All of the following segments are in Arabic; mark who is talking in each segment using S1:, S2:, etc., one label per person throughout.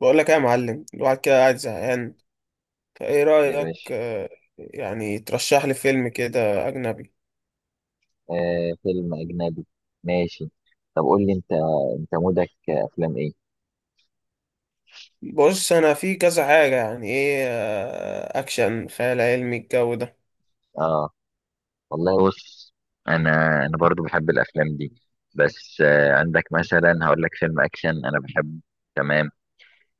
S1: بقول لك ايه يا معلم. الواحد كده قاعد زهقان، فايه
S2: يا
S1: رأيك؟
S2: باشا.
S1: يعني ترشح لي فيلم كده أجنبي.
S2: آه، فيلم أجنبي. ماشي. طب قول لي أنت مودك أفلام إيه؟
S1: بص، أنا في كذا حاجة، يعني ايه، أكشن، خيال علمي، الجو ده.
S2: آه والله، بص، أنا أنا برضو بحب الأفلام دي. بس عندك مثلا، هقول لك فيلم أكشن أنا بحبه، تمام؟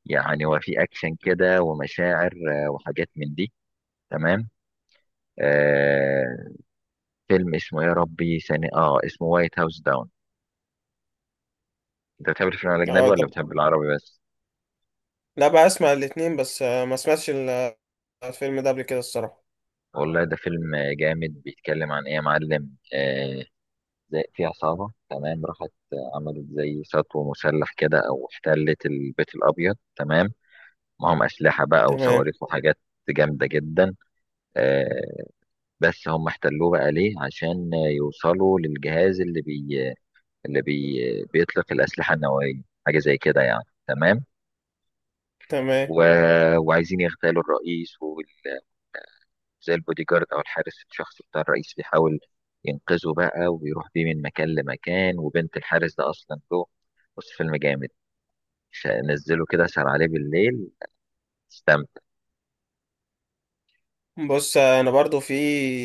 S2: يعني هو في أكشن كده ومشاعر، وحاجات من دي، تمام. آه، فيلم اسمه يا ربي ثاني، اسمه وايت هاوس داون. أنت بتحب الفيلم الأجنبي
S1: اه
S2: ولا
S1: طب،
S2: بتحب العربي بس؟
S1: لا بقى، أسمع الاتنين. بس ما سمعتش الفيلم ده قبل كده الصراحة.
S2: والله ده فيلم جامد. بيتكلم عن إيه يا معلم؟ زي في عصابة، تمام، راحت عملت زي سطو مسلح كده، أو احتلت البيت الأبيض، تمام. معهم أسلحة بقى
S1: تمام،
S2: وصواريخ وحاجات جامدة جدا. آه، بس هم احتلوه بقى ليه؟ عشان يوصلوا للجهاز اللي بيطلق الأسلحة النووية، حاجة زي كده يعني، تمام.
S1: تمام.
S2: و... وعايزين يغتالوا الرئيس، وزي البودي جارد أو الحارس الشخصي بتاع الرئيس بيحاول ينقذه بقى، ويروح بيه من مكان لمكان، وبنت الحارس ده أصلا له. بص، فيلم جامد. نزله كده، سهر عليه بالليل، تستمتع.
S1: بص، أنا برضو في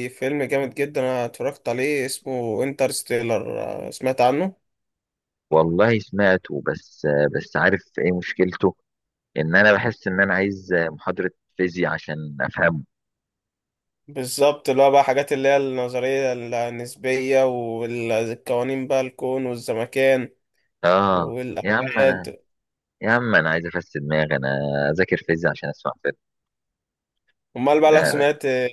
S1: فيلم جامد جدا أنا اتفرجت عليه اسمه انترستيلر. سمعت عنه.
S2: والله سمعته، بس عارف ايه مشكلته؟ ان انا بحس ان انا عايز محاضرة فيزياء عشان افهمه.
S1: بالظبط، اللي هو بقى حاجات اللي هي النظرية النسبية والقوانين بقى الكون والزمكان
S2: اه، يا عم انا،
S1: والأبعاد.
S2: يا عم انا عايز افسد دماغي، انا اذاكر فيزياء عشان اسمع فيلم؟
S1: أمال بقى لو
S2: لا لا.
S1: سمعت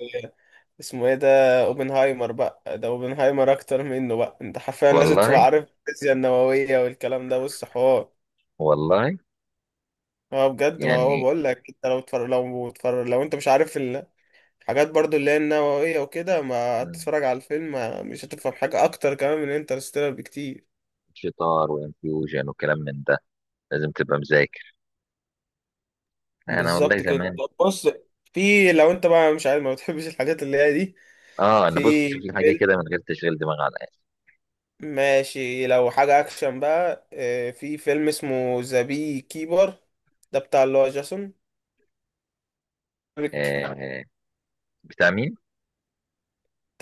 S1: اسمه ايه ده، اوبنهايمر. بقى ده اوبنهايمر أكتر منه بقى. أنت حرفيا لازم تبقى
S2: والله،
S1: عارف الفيزياء النووية والكلام ده. بص حوار،
S2: والله.
S1: هو بجد. ما هو
S2: يعني،
S1: بقول لك، أنت لو أنت مش عارف الحاجات برضو اللي هي النووية وكده، ما
S2: مم،
S1: هتتفرج على الفيلم. مش هتفهم حاجة أكتر كمان من انترستيلر بكتير.
S2: شطار وانفيوجن وكلام من ده، لازم تبقى مذاكر. انا والله
S1: بالظبط كده.
S2: زمان.
S1: طب بص، في لو انت بقى مش عارف، ما بتحبش الحاجات اللي هي دي،
S2: اه،
S1: في
S2: انا، بص شوف
S1: ايه؟
S2: لي حاجه
S1: فيلم
S2: كده من غير تشغيل دماغ على الاخر.
S1: ماشي لو حاجة اكشن بقى، في فيلم اسمه ذا بي كيبر. ده بتاع اللي هو جاسون.
S2: آه
S1: بتاع
S2: آه، بتاع مين؟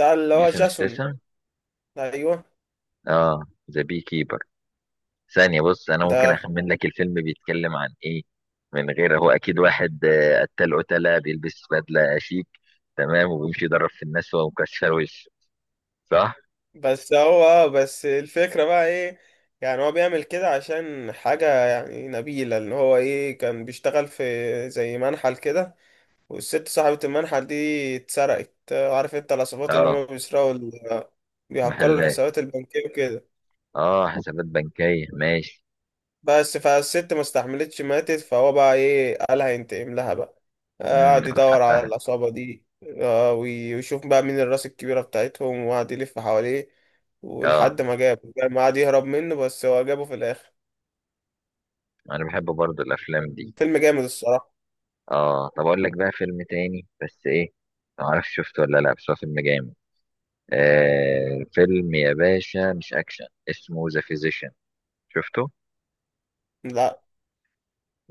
S1: اللي هو
S2: جيسون
S1: جاسون،
S2: ستاثام.
S1: ايوه.
S2: اه، ذا بي كيبر. ثانية، بص انا ممكن
S1: ده
S2: اخمن لك الفيلم بيتكلم عن ايه من غير. هو اكيد واحد، قتال، قتلة، بيلبس بدلة شيك، تمام، وبيمشي يضرب في الناس وهو مكشر وشه، صح؟
S1: بس هو بس الفكرة بقى ايه، يعني هو بيعمل كده عشان حاجة يعني نبيلة. اللي هو ايه، كان بيشتغل في زي منحل كده. والست صاحبة المنحل دي اتسرقت. عارف انت، العصابات اللي هم
S2: اه،
S1: بيسرقوا، بيهكروا
S2: محلات.
S1: الحسابات البنكية وكده.
S2: اه، حسابات بنكية، ماشي.
S1: بس فالست ما استحملتش، ماتت. فهو بقى ايه، قال هينتقم لها بقى. قعد
S2: تاخد
S1: يدور على
S2: حقها.
S1: العصابة دي. ويشوف بقى مين الراس الكبيرة بتاعتهم، وقعد يلف حواليه
S2: اه،
S1: ولحد ما جابه. ما قعد يهرب منه بس هو جابه في الآخر.
S2: انا بحب برضو الافلام دي.
S1: فيلم جامد الصراحة.
S2: اه، طب اقول لك بقى فيلم تاني، بس ايه، ما اعرفش شفته ولا لا، بس هو فيلم جامد. آه، فيلم يا باشا، مش اكشن، اسمه ذا فيزيشن. شفته؟
S1: لا.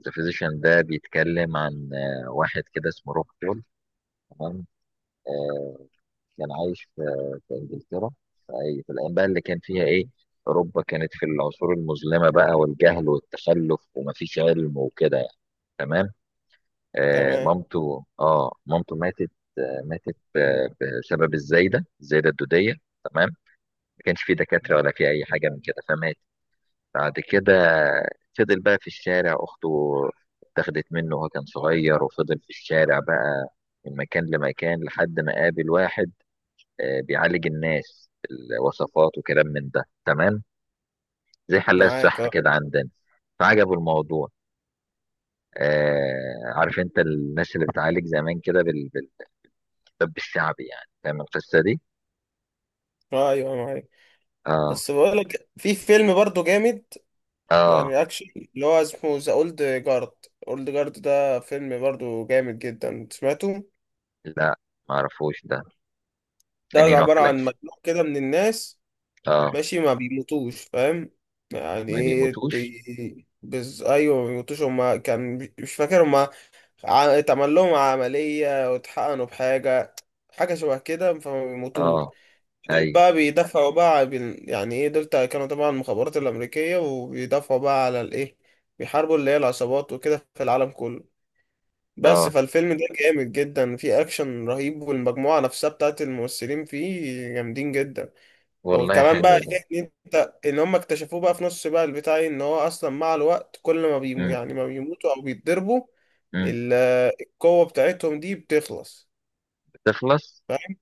S2: ذا فيزيشن ده بيتكلم عن، واحد كده اسمه روب بول، تمام. آه، كان عايش في، انجلترا، في في الايام بقى اللي كان فيها ايه، اوروبا كانت في العصور المظلمه بقى، والجهل والتخلف، ومفيش علم وكده، يعني، تمام. آه،
S1: تمام.
S2: مامته، مامته ماتت، آه، ماتت، آه، بسبب الزايده الدوديه، تمام. ما كانش في دكاتره ولا في اي حاجه من كده، فماتت. بعد كده فضل بقى في الشارع. أخته اتاخدت منه وهو كان صغير، وفضل في الشارع بقى من مكان لمكان لحد ما قابل واحد، بيعالج الناس، الوصفات وكلام من ده، تمام. زي حلاق
S1: معاك
S2: الصحة
S1: اه.
S2: كده عندنا. فعجبه الموضوع. آه، عارف انت الناس اللي بتعالج زمان كده بالطب الشعبي، يعني، فاهم القصة دي؟
S1: ايوه معاك.
S2: اه
S1: بس بقولك في فيلم برضه جامد،
S2: اه.
S1: يعني اكشن، اللي هو اسمه ذا اولد جارد. اولد جارد ده فيلم برضه جامد جدا، سمعته؟
S2: لا، معرفوش ده.
S1: ده
S2: اني نوع في
S1: عبارة عن
S2: الأكشن؟
S1: مجموعة كده من الناس.
S2: اه.
S1: ماشي، ما بيموتوش، فاهم؟ يعني
S2: ما
S1: ايه؟
S2: بيموتوش؟
S1: ايوه ما بيموتوش. هما كان مش فاكر هما. اتعمل لهم عملية واتحقنوا بحاجة، حاجة شبه كده، فما بيموتوش.
S2: اه،
S1: دول
S2: ايوه.
S1: بقى بيدافعوا بقى على يعني ايه، دول كانوا طبعا المخابرات الأمريكية، وبيدافعوا بقى على الايه، بيحاربوا اللي هي العصابات وكده في العالم كله. بس
S2: اه.
S1: فالفيلم ده جامد جدا، فيه اكشن رهيب، والمجموعة نفسها بتاعت الممثلين فيه جامدين جدا.
S2: والله
S1: وكمان
S2: حلو
S1: بقى
S2: ده.
S1: إيه، ان انت، ان هم اكتشفوه بقى في نص بقى البتاع إيه، ان هو اصلا مع الوقت، كل
S2: مم.
S1: ما بيموتوا او بيتضربوا،
S2: مم.
S1: ال- القوة بتاعتهم دي بتخلص،
S2: تخلص.
S1: فاهم؟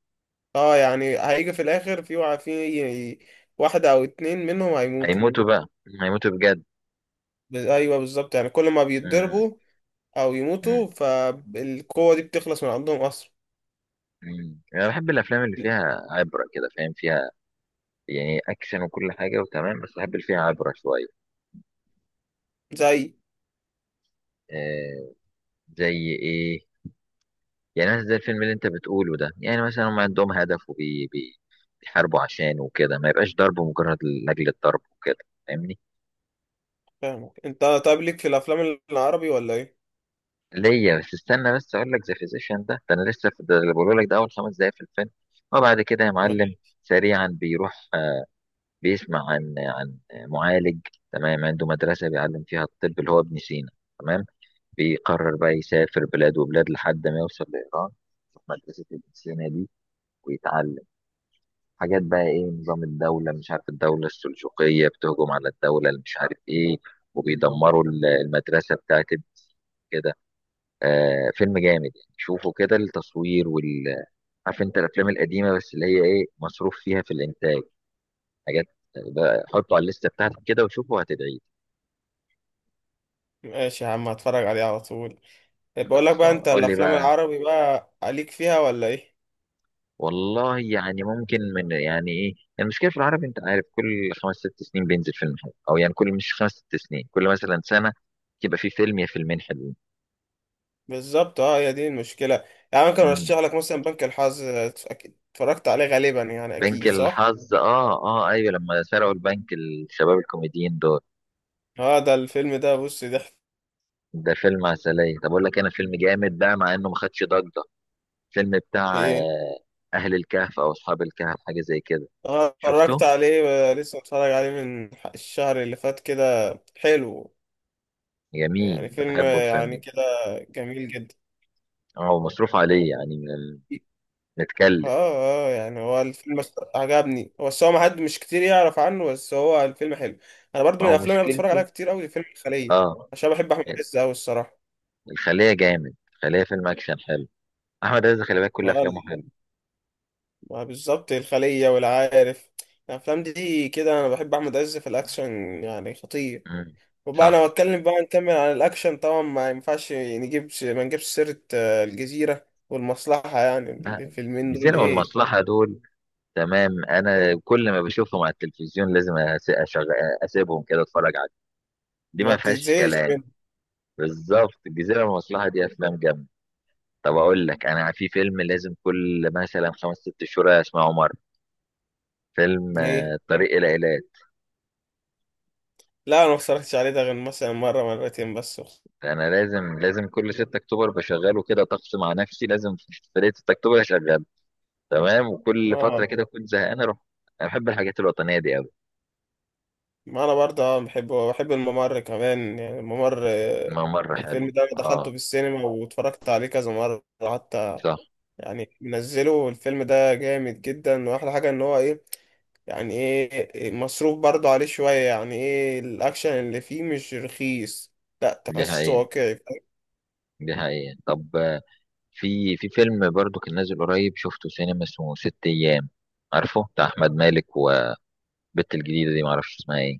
S1: اه، يعني هيجي في الاخر في في واحدة او اتنين منهم هيموتوا.
S2: هيموتوا بقى، هيموتوا بجد.
S1: ايوه بالظبط. يعني كل ما
S2: مم.
S1: بيتضربوا او يموتوا
S2: مم.
S1: فالقوة دي بتخلص من عندهم اصلا.
S2: مم. انا بحب الافلام اللي فيها عبره كده، فاهم؟ فيها يعني اكشن وكل حاجه، وتمام، بس بحب اللي فيها عبره شويه.
S1: زي.
S2: آه، زي ايه؟ يعني مثلا زي الفيلم اللي انت بتقوله ده. يعني مثلا هم عندهم هدف، وبي بي بيحاربوا عشانه وكده، ما يبقاش ضرب مجرد لاجل الضرب وكده، فاهمني؟
S1: فاهمك. انت طيب، ليك في الافلام العربي ولا ايه؟
S2: ليا، بس استنى، بس اقول لك ذا فيزيشن ده انا لسه في ده اللي بقوله لك، ده اول خمس دقايق في الفيلم. وبعد كده يا معلم، سريعا بيروح، بيسمع عن، معالج، تمام، عنده مدرسه بيعلم فيها الطب، اللي هو ابن سينا، تمام. بيقرر بقى يسافر بلاد وبلاد لحد ما يوصل لايران، في مدرسه ابن سينا دي، ويتعلم حاجات بقى، ايه، نظام الدوله، مش عارف، الدوله السلجوقيه بتهجم على الدوله اللي مش عارف ايه، وبيدمروا المدرسه بتاعت ابن، كده. آه، فيلم جامد يعني، شوفوا كده التصوير وال. عارف انت الافلام القديمه بس اللي هي ايه، مصروف فيها في الانتاج، حاجات بقى. حطوا على الليسته بتاعتك كده، وشوفوا هتدعي.
S1: ماشي يا عم، هتفرج عليه على طول. بقول لك بقى،
S2: خلصان،
S1: انت
S2: قول لي
S1: الافلام
S2: بقى.
S1: العربي بقى عليك فيها ولا ايه؟
S2: والله يعني، ممكن من، يعني ايه، يعني، المشكله في العربي، انت عارف، كل خمس ست سنين بينزل فيلم حلو، او يعني كل، مش خمس ست سنين، كل مثلا سنه يبقى في فيلم يا فيلمين حلوين.
S1: بالظبط اه، هي دي المشكله. يعني ممكن
S2: مم.
S1: ارشح لك مثلا بنك الحظ، اكيد اتفرجت عليه غالبا، يعني
S2: بنك
S1: اكيد صح.
S2: الحظ؟ اه اه، ايوه، لما سرقوا البنك الشباب الكوميديين دول،
S1: اه ده الفيلم ده بص ضحك.
S2: ده فيلم عسلية. طب أقول لك أنا فيلم جامد بقى، مع إنه ما خدش ضجة، فيلم بتاع،
S1: ايه.
S2: أهل الكهف، أو أصحاب الكهف، حاجة زي كده.
S1: اه
S2: شفته؟
S1: اتفرجت عليه. لسه اتفرج عليه من الشهر اللي فات كده، حلو.
S2: جميل،
S1: يعني
S2: أنا
S1: فيلم
S2: بحبه الفيلم
S1: يعني
S2: ده.
S1: كده جميل جدا.
S2: اه، هو مصروف عليه، يعني،
S1: اه
S2: متكلف.
S1: اه. يعني هو الفيلم عجبني هو، بس هو ما حد مش كتير يعرف عنه، بس هو الفيلم حلو. انا برضو
S2: ما
S1: من
S2: هو
S1: الافلام اللي بتفرج عليها
S2: مشكلته.
S1: كتير قوي فيلم الخليه،
S2: اه،
S1: عشان بحب احمد عز قوي الصراحه.
S2: الخلية جامد، الخلية فيلم أكشن حلو. أحمد عز خلي بالك، كل
S1: ما هو
S2: أفلامه
S1: ال-
S2: حلوة.
S1: ما هو بالظبط الخليه والعارف، الافلام دي كده انا بحب احمد عز في الاكشن، يعني خطير.
S2: مم.
S1: وبقى
S2: صح.
S1: انا بتكلم بقى نكمل عن الاكشن، طبعا ما ينفعش نجيب ما نجيبش سيره الجزيره والمصلحه. يعني
S2: لا،
S1: الفيلمين دول
S2: الجزيرة
S1: ايه،
S2: والمصلحة دول، تمام، أنا كل ما بشوفهم على التلفزيون لازم أسيبهم كده أتفرج عليهم، دي
S1: ما
S2: ما فيهاش
S1: بتتزهقش
S2: كلام.
S1: منهم.
S2: بالظبط، الجزيرة والمصلحة دي أفلام جامدة. طب أقول لك، أنا في فيلم لازم كل مثلا خمس ست شهور أسمعه مرة، فيلم،
S1: ايه،
S2: الطريق إلى إيلات.
S1: لا انا ما اتفرجتش عليه ده غير مثلا مره مرتين بس.
S2: أنا لازم كل 6 أكتوبر بشغله، كده طقس مع نفسي، لازم في ليلة 6 أكتوبر أشغله، تمام، وكل فترة
S1: ما
S2: كده كنت زهقان أروح. أنا بحب الحاجات الوطنية دي أوي.
S1: ما انا برضه اه بحب، بحب الممر كمان. يعني الممر
S2: ما مرة
S1: الفيلم
S2: حلو،
S1: ده دخلته
S2: أه،
S1: في السينما واتفرجت عليه كذا مرة حتى.
S2: صح.
S1: يعني منزله الفيلم ده جامد جدا، واحلى حاجة ان هو ايه، يعني ايه، مصروف برضه عليه شوية، يعني ايه الاكشن اللي فيه مش رخيص، لا
S2: دي
S1: تحسه
S2: حقيقة،
S1: واقعي.
S2: دي حقيقة. طب، في فيلم برضو كان نازل قريب، شفته سينما، اسمه ست أيام، عارفه؟ بتاع أحمد مالك و، البت الجديدة دي معرفش اسمها ايه.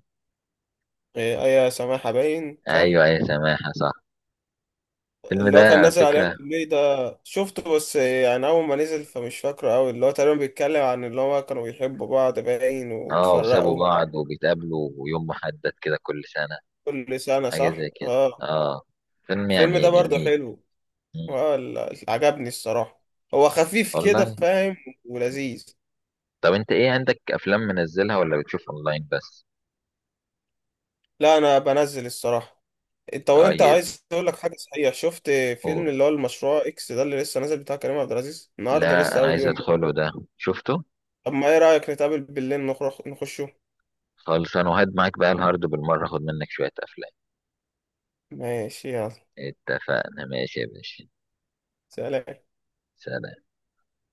S1: ايه ايه سماحة، باين صح.
S2: ايوه، اي سماحة، صح. الفيلم
S1: اللي هو
S2: ده
S1: كان
S2: على
S1: نازل عليه
S2: فكرة،
S1: كوميدي ده، شفته بس يعني أول ما نزل فمش فاكره أوي. اللي هو تقريبا بيتكلم عن اللي هو كانوا بيحبوا بعض باين
S2: اه، وسابوا
S1: واتفرقوا،
S2: بعض وبيتقابلوا يوم محدد كده كل سنة،
S1: كل سنة
S2: حاجة
S1: صح؟
S2: زي كده.
S1: اه.
S2: اه، فيلم
S1: الفيلم ده
S2: يعني
S1: برضه
S2: جميل.
S1: حلو.
S2: مم.
S1: اه، عجبني الصراحة. هو خفيف كده
S2: والله.
S1: فاهم، ولذيذ.
S2: طب انت ايه، عندك افلام منزلها ولا بتشوف اونلاين بس؟
S1: لا أنا بنزل الصراحة. انت وانت
S2: طيب،
S1: عايز اقول لك حاجة، صحيح، شفت فيلم
S2: قول.
S1: اللي هو المشروع اكس ده اللي لسه نازل بتاع كريم عبد العزيز؟ النهارده
S2: لا،
S1: لسه
S2: انا
S1: اول
S2: عايز
S1: يوم.
S2: ادخله ده، شفته؟
S1: طب ما ايه رأيك نتقابل بالليل نخرج نخشه؟
S2: خلص، انا وهد معاك بقى الهارد بالمرة، خد منك شوية افلام.
S1: ماشي، يلا.
S2: اتفقنا، ماشي يا باشا.
S1: سلام.
S2: سلام.